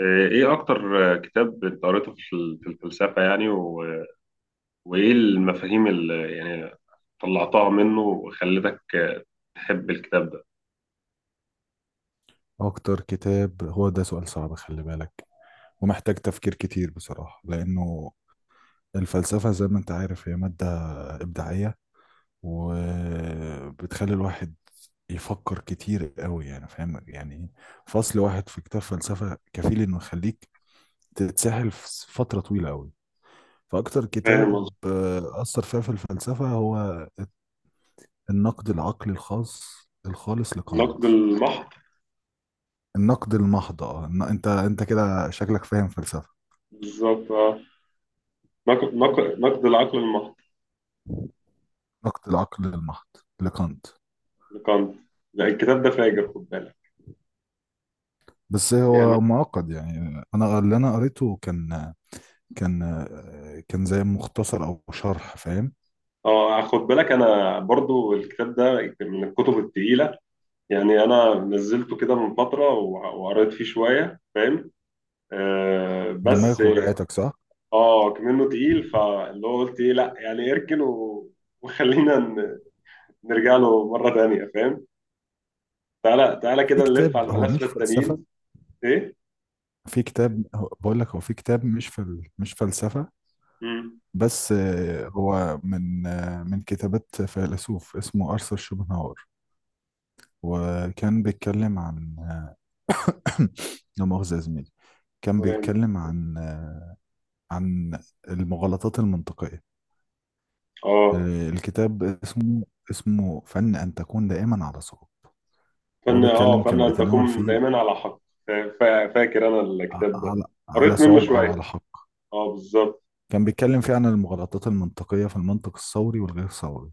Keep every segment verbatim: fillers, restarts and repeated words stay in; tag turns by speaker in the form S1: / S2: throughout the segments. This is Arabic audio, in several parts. S1: ايه اكتر كتاب انت قريته في ال- في الفلسفة يعني و... وايه المفاهيم اللي يعني طلعتها منه وخلتك تحب الكتاب ده؟
S2: أكتر كتاب؟ هو ده سؤال صعب، خلي بالك ومحتاج تفكير كتير بصراحة، لأنه الفلسفة زي ما أنت عارف هي مادة إبداعية وبتخلي الواحد يفكر كتير قوي، يعني فاهم، يعني فصل واحد في كتاب فلسفة كفيل إنه يخليك تتسحل في فترة طويلة قوي. فأكتر
S1: فاهم قصدي.
S2: كتاب آه، أثر فيا في الفلسفة هو النقد العقلي الخاص الخالص
S1: نقد
S2: لكانت.
S1: المحض.
S2: النقد المحض، آه، إن- أنت أنت كده شكلك فاهم فلسفة.
S1: بالظبط، اه. نق- نق- نقد العقل المحض
S2: نقد العقل المحض لكانت.
S1: لكانت. لا، الكتاب ده فاجر، خد بالك.
S2: بس
S1: يعني
S2: هو معقد، يعني انا اللي انا قريته كان كان كان زي مختصر او شرح، فاهم.
S1: اه، خد بالك، انا برضو الكتاب ده من الكتب التقيلة. يعني انا نزلته كده من فترة وع- وقريت فيه شوية، فاهم؟ آه بس.
S2: دماغك وجعتك صح؟
S1: اه كمنه تقيل، فاللي هو قلت ايه، لا يعني اركن و... وخلينا ن... نرجع له مره تانيه، فاهم؟ تعالى تعالى
S2: في
S1: كده نلف على
S2: كتاب هو
S1: الفلاسفه
S2: مش فلسفة،
S1: التانيين. ايه؟
S2: في كتاب هو- بقول لك هو في كتاب مش فل مش فلسفة،
S1: امم
S2: بس آه، هو من آه، من كتابات فيلسوف اسمه أرثر شوبنهاور. وكان بيتكلم عن لا مؤاخذة يا زميلي، كان بيتكلم عن آه، عن المغالطات المنطقية.
S1: اه
S2: آه، الكتاب اسمه اسمه فن أن تكون دائما على صواب. وهو
S1: فن اه
S2: بيتكلم،
S1: فن
S2: كان
S1: ان
S2: بيتناول
S1: تكون
S2: فيه
S1: دايما على حق. فا- فا- فاكر انا
S2: ع-
S1: الكتاب ده،
S2: على على
S1: قريت منه
S2: صواب أو
S1: شويه.
S2: على حق.
S1: اه بالظبط،
S2: كان بيتكلم فيه عن المغالطات المنطقية في المنطق الثوري والغير ثوري،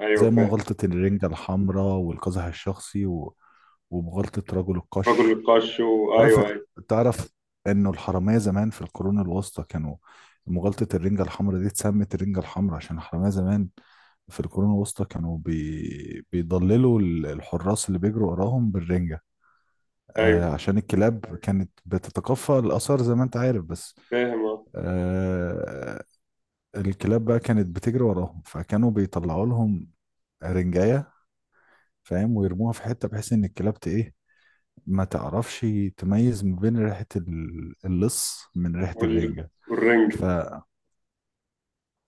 S1: ايوه
S2: زي ما
S1: فاهم.
S2: غلطة الرنجة الحمراء والقزح الشخصي و- ومغالطة رجل
S1: رجل
S2: القش.
S1: القش، و...
S2: تعرف
S1: ايوه ايوه.
S2: تعرف انه الحرامية زمان في القرون الوسطى كانوا... مغالطة الرنجة الحمراء دي اتسمت الرنجة الحمراء عشان الحرامية زمان في القرون الوسطى كانوا بي... بيضللوا ال- الحراس اللي بيجروا وراهم بالرنجة،
S1: ايوه
S2: آه، عشان الكلاب كانت بتتقفى الآثار زي ما انت عارف. بس
S1: فاهم، اه.
S2: آه الكلاب بقى كانت بتجري وراهم، فكانوا بيطلعوا لهم رنجاية، فاهم، ويرموها في حتة بحيث ان الكلاب ت- ايه ما تعرفش تميز ما بين ريحة ال- اللص من ريحة
S1: وال...
S2: الرنجة.
S1: والرنج.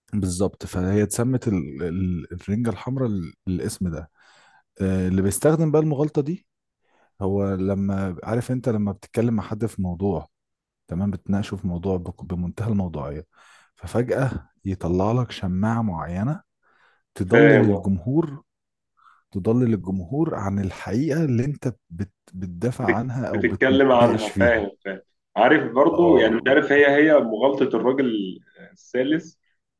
S2: فبالظبط فهي اتسمت ال- ال- الرنجة الحمراء، ال- الاسم ده آه، اللي بيستخدم بقى المغالطة دي، هو لما... عارف، انت لما بتتكلم مع حد في موضوع، تمام، بتناقشه في موضوع بك- بمنتهى الموضوعية، ففجأة يطلع لك شماعة معينة تضلل
S1: فاهم، اه.
S2: الجمهور، تضلل الجمهور عن الحقيقة اللي انت بت- بتدافع
S1: بتك-
S2: عنها او
S1: بتتكلم
S2: بتناقش
S1: عنها،
S2: فيها.
S1: فاهم فاهم. عارف، برضو يعني
S2: اه،
S1: مش عارف، هي هي مغالطة الراجل الثالث؟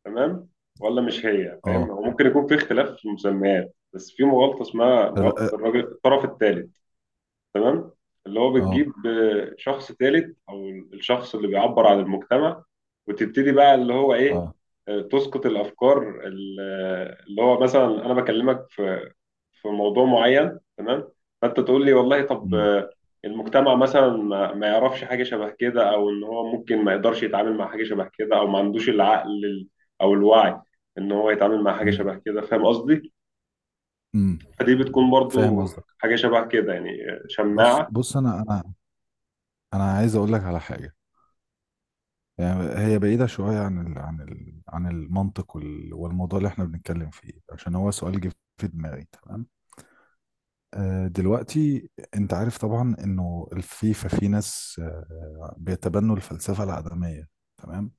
S1: تمام. ولا مش هي؟ فاهم،
S2: اه،
S1: هو ممكن يكون في اختلاف في المسميات، بس في مغالطة اسمها مغالطة الراجل الطرف الثالث، تمام. اللي هو
S2: اه،
S1: بتجيب آه، شخص ثالث او الشخص اللي بيعبر عن المجتمع، وتبتدي بقى اللي هو ايه،
S2: اه،
S1: آه، تسقط الافكار ال- آه، اللي هو مثلا انا بكلمك في في موضوع معين، تمام. فانت تقول لي والله، طب،
S2: امم،
S1: آه، المجتمع مثلا ما ما يعرفش حاجه شبه كده، او ان هو ممكن ما يقدرش يتعامل مع حاجه شبه كده، او ما عندوش العقل ال- او الوعي ان هو يتعامل مع حاجه
S2: امم،
S1: شبه كده. فاهم قصدي؟
S2: امم،
S1: فدي بتكون
S2: فاهم
S1: برضو
S2: قصدك.
S1: حاجه شبه كده، يعني آه،
S2: بص
S1: شماعه.
S2: بص، انا انا انا عايز اقول لك على حاجه. يعني هي بعيده شويه عن ال عن ال عن المنطق وال- والموضوع اللي احنا بنتكلم فيه، عشان هو سؤال جه في دماغي، تمام. آه، دلوقتي انت عارف طبعا انه الفيفا في ناس آه، بيتبنوا الفلسفه العدميه، تمام.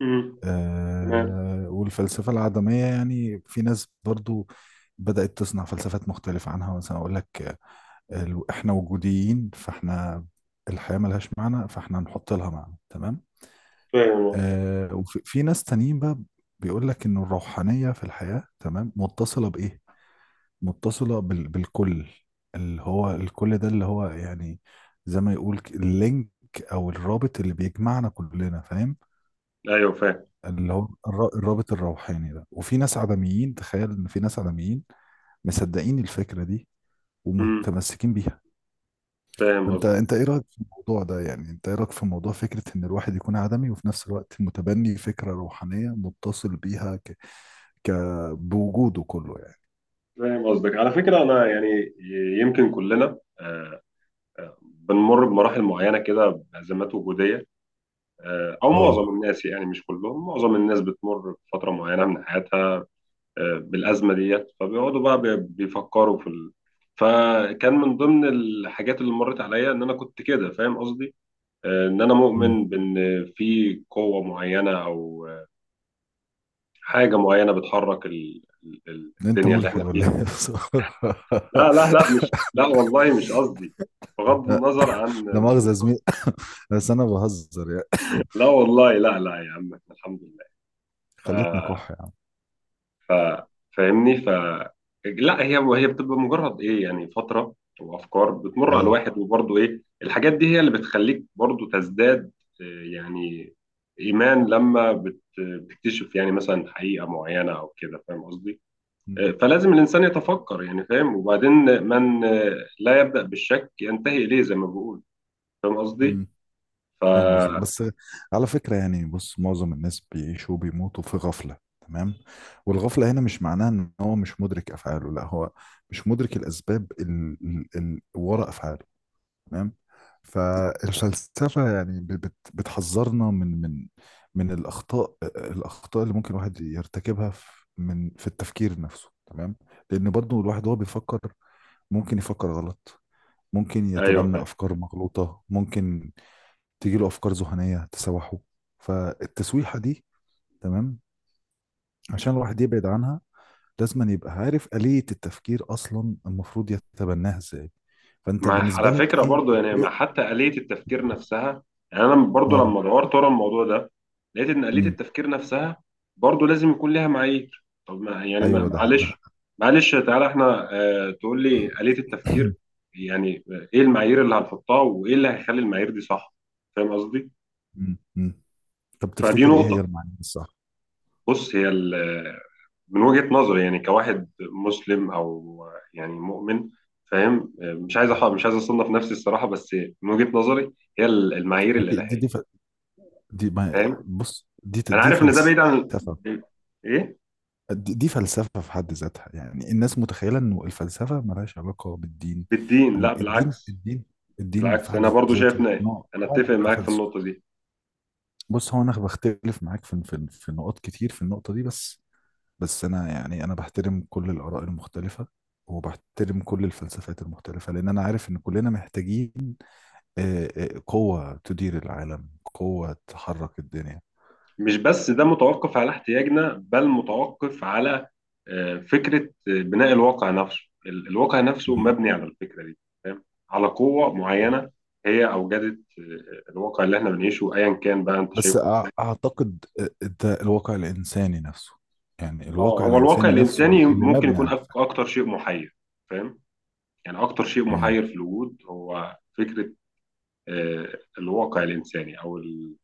S1: مم. تمام.
S2: آه، والفلسفه العدميه يعني في ناس برضو بدأت تصنع فلسفات مختلفة عنها. مثلا أقول لك، ال- احنا وجوديين، فاحنا الحياة ملهاش معنى، فاحنا نحط لها معنى، تمام.
S1: فاهم والله.
S2: آه، وفي في ناس تانيين بقى بيقول لك ان الروحانية في الحياة، تمام، متصلة بإيه؟ متصلة بال بالكل، اللي هو الكل ده اللي هو، يعني زي ما يقول ك- اللينك او الرابط اللي بيجمعنا كلنا، فاهم،
S1: ايوه فاهم.
S2: اللي هو الر- الرابط الروحاني ده. وفي ناس عدميين، تخيل ان في ناس عدميين مصدقين الفكرة دي
S1: امم
S2: ومتمسكين بيها.
S1: فاهم
S2: فانت
S1: قصدك.
S2: انت ايه رايك في الموضوع ده؟ يعني انت ايه رايك في موضوع فكره ان الواحد يكون عدمي وفي نفس الوقت متبني فكره روحانيه متصل بيها ك... ك... بوجوده كله يعني.
S1: فاهم قصدك، على فكره انا يعني يمكن كلنا آه، آه، بنمر بمراحل معينه كده، بازمات وجوديه، آه، او معظم
S2: اه،
S1: الناس، يعني مش كلهم، معظم الناس بتمر بفتره معينه من حياتها، آه، بالازمه ديت، فبيقعدوا بقى بي- بيفكروا في ال... فكان من ضمن الحاجات اللي مرت عليا ان انا كنت كده، فاهم قصدي؟ آه، ان انا
S2: امم،
S1: مؤمن بان في قوه معينه او حاجة معينة بتحرك ال... ال- ال-
S2: انت
S1: الدنيا اللي
S2: ملحد
S1: احنا
S2: ولا
S1: فيها.
S2: ايه بصراحة.
S1: لا لا لا، مش، لا والله مش قصدي. بغض
S2: لا،
S1: النظر عن
S2: لا مؤاخذه يا
S1: الموضوع.
S2: زميلي، بس انا بهزر يعني.
S1: لا والله، لا لا يا عم، احنا الحمد لله. ف...
S2: خليتنا كح يا عم.
S1: ف... فاهمني. ف لا، هي هي بتبقى مجرد ايه، يعني فترة وافكار بتمر على
S2: اه،
S1: الواحد. وبرضه ايه، الحاجات دي هي اللي بتخليك برضه تزداد آه، يعني ايمان، لما بت... بتكتشف يعني مثلا حقيقة معينة او كده، فاهم قصدي؟ فلازم الإنسان يتفكر، يعني فاهم. وبعدين من لا يبدأ بالشك ينتهي إليه، زي ما بقول. فاهم قصدي؟
S2: امم، فاهم قصدك.
S1: فا
S2: بس على فكرة يعني، بص، معظم الناس بيعيشوا وبيموتوا في غفلة، تمام. والغفلة هنا مش معناها ان هو مش مدرك افعاله، لا، هو مش مدرك الاسباب اللي وراء افعاله، تمام. فالفلسفة يعني ب- بت- بتحذرنا من من من الاخطاء، الاخطاء اللي ممكن الواحد يرتكبها في من في التفكير نفسه، تمام. لان برضو الواحد وهو بيفكر ممكن يفكر غلط، ممكن
S1: أيوه
S2: يتبنى
S1: فاهم.
S2: افكار مغلوطة، ممكن تيجي له افكار ذهنيه تسوحه، فالتسويحه دي، تمام، عشان الواحد يبعد عنها لازم أن يبقى عارف آلية التفكير اصلا المفروض يتبناها ازاي. فانت
S1: مع
S2: بالنسبه
S1: على
S2: لك
S1: فكرة
S2: ايه؟
S1: برضو، يعني
S2: ايه؟
S1: مع حتى آلية التفكير نفسها. يعني أنا برضو
S2: اه،
S1: لما دورت ورا الموضوع ده، لقيت إن آلية
S2: امم،
S1: التفكير نفسها برضو لازم يكون ليها معايير. طب ما يعني ما-
S2: ايوه، ده
S1: معلش،
S2: ده
S1: معلش تعالى إحنا، آه تقول لي آلية التفكير يعني إيه المعايير اللي هنحطها، وإيه اللي هيخلي المعايير دي صح؟ فاهم قصدي؟
S2: مم، مم. طب
S1: فدي
S2: تفتكر ايه هي
S1: نقطة.
S2: المعاني الصح؟
S1: بص، هي من وجهة نظري، يعني كواحد مسلم او يعني مؤمن، فاهم، مش عايز أح- مش عايز اصنف نفسي الصراحه، بس من وجهة نظري، هي ال- المعايير
S2: دي دي,
S1: الالهيه.
S2: دي, ف... دي ما...
S1: فاهم،
S2: بص، دي
S1: انا
S2: دي
S1: عارف ان ده بعيد عن
S2: فلسفه،
S1: ال- ايه
S2: دي دي فلسفة في حد ذاتها. يعني الناس متخيلة انه الفلسفة ملهاش علاقة بالدين،
S1: بالدين، لا
S2: اما الدين،
S1: بالعكس.
S2: الدين الدين في
S1: بالعكس انا
S2: حد
S1: برضو شايف
S2: ذاته
S1: إن-
S2: نوع
S1: انا
S2: نوع من
S1: اتفق معاك في
S2: التفلسف.
S1: النقطه دي.
S2: بص، هو انا بختلف معاك في في في نقط كتير في النقطة دي، بس بس انا يعني انا بحترم كل الآراء المختلفة وبحترم كل الفلسفات المختلفة، لأن أنا عارف إن كلنا محتاجين آه، آه، قوة تدير العالم، قوة تحرك الدنيا.
S1: مش بس ده متوقف على احتياجنا، بل متوقف على آه، فكرة آه، بناء الواقع نفسه. ال- الواقع نفسه
S2: مم.
S1: مبني على الفكرة دي. فاهم، على قوة معينة هي أوجدت آه، الواقع اللي احنا بنعيشه، أيا كان بقى أنت
S2: بس
S1: شايفه.
S2: أع- اعتقد ده الواقع الانساني نفسه، يعني
S1: اه،
S2: الواقع
S1: هو الواقع
S2: الانساني نفسه
S1: الإنساني
S2: اللي
S1: ممكن
S2: مبني
S1: يكون
S2: على
S1: أك-
S2: الفهم.
S1: أكتر شيء محير. فاهم، يعني أكتر شيء
S2: امم.
S1: محير في الوجود هو فكرة آه، الواقع الإنساني أو ال-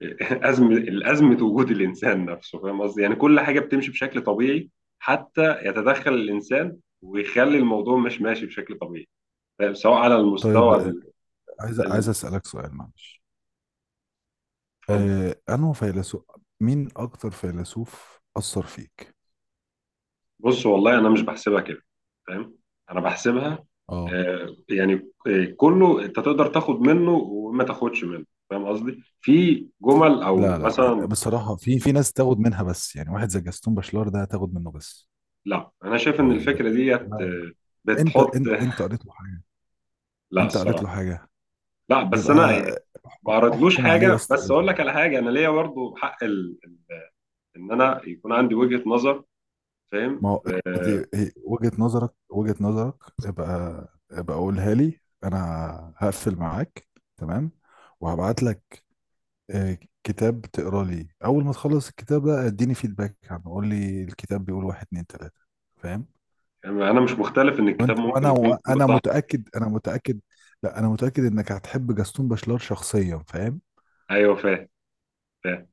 S1: أزمة الأزمة وجود الإنسان نفسه. فاهم قصدي؟ يعني كل حاجة بتمشي بشكل طبيعي حتى يتدخل الإنسان ويخلي الموضوع مش ماشي بشكل طبيعي. فاهم؟ سواء على
S2: طيب
S1: المستوى
S2: آه،
S1: ال-
S2: عايز
S1: ال-
S2: عايز اسالك سؤال معلش،
S1: اتفضل.
S2: آه، انه فيلسوف مين اكتر فيلسوف اثر فيك؟
S1: بص والله، أنا مش بحسبها كده. فاهم؟ أنا بحسبها
S2: اه،
S1: آه، يعني آه، كله أنت تقدر تاخد منه وما تاخدش منه. فاهم قصدي؟ في جمل
S2: لا،
S1: أو
S2: لا، يعني
S1: مثلا،
S2: بصراحه في في ناس تاخد منها، بس يعني واحد زي جاستون باشلار ده تاخد منه بس،
S1: لا أنا شايف إن
S2: يعني ده،
S1: الفكرة ديت
S2: لا،
S1: آه،
S2: انت
S1: بتحط
S2: انت انت قريت له حاجه؟
S1: لا
S2: انت قريت
S1: الصراحة.
S2: له حاجه؟
S1: لا بس
S2: يبقى
S1: أنا
S2: اح-
S1: ما عرضلوش
S2: احكم عليه يا
S1: حاجه،
S2: اسطى.
S1: بس اقول لك على حاجه، انا ليا برضه حق ال... ان انا يكون عندي وجهه نظر،
S2: ما
S1: فاهم،
S2: هو دي
S1: آه،
S2: هي- وجهة نظرك، وجهة نظرك ابقى ابقى قولها لي انا. هقفل معاك، تمام، وهبعت لك آه، كتاب، تقرا لي. اول ما تخلص الكتاب ده اديني فيدباك عنه، قول لي الكتاب بيقول واحد اتنين تلاتة، فاهم.
S1: انا مش مختلف ان الكتاب
S2: وانت
S1: ممكن
S2: وانا
S1: يكون كله
S2: وانا
S1: صح.
S2: متأكد، انا متأكد، لا، انا متأكد انك هتحب جاستون باشلار شخصيا، فاهم.
S1: ايوه فاهم فاهم.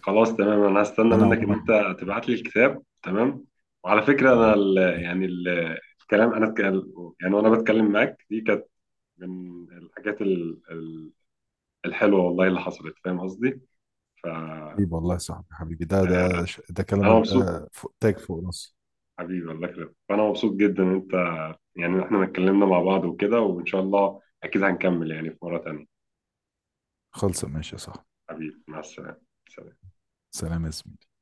S1: خلاص تمام، انا هستنى
S2: انا
S1: منك ان
S2: عموما،
S1: انت تبعت لي الكتاب، تمام. وعلى فكره انا
S2: تمام،
S1: ال...
S2: ماشي.
S1: يعني ال... الكلام انا اتكلم، يعني وانا بتكلم معاك، دي كانت من الحاجات ال... ال- الحلوه والله اللي حصلت، فاهم قصدي؟ فانا
S2: حبيبي والله يا صاحبي، حبيبي، ده ده ش- ده كلامك
S1: مبسوط.
S2: ده فوق تاج فوق راسي.
S1: حبيبي، الله يخليك، فأنا مبسوط جدا إن أنت، يعني إحنا اتكلمنا مع بعض وكده، وإن شاء الله أكيد هنكمل يعني في مرة تانية.
S2: خلص، ماشي يا صاحبي.
S1: حبيبي، مع السلامة. سلام.
S2: سلام يا زميلي.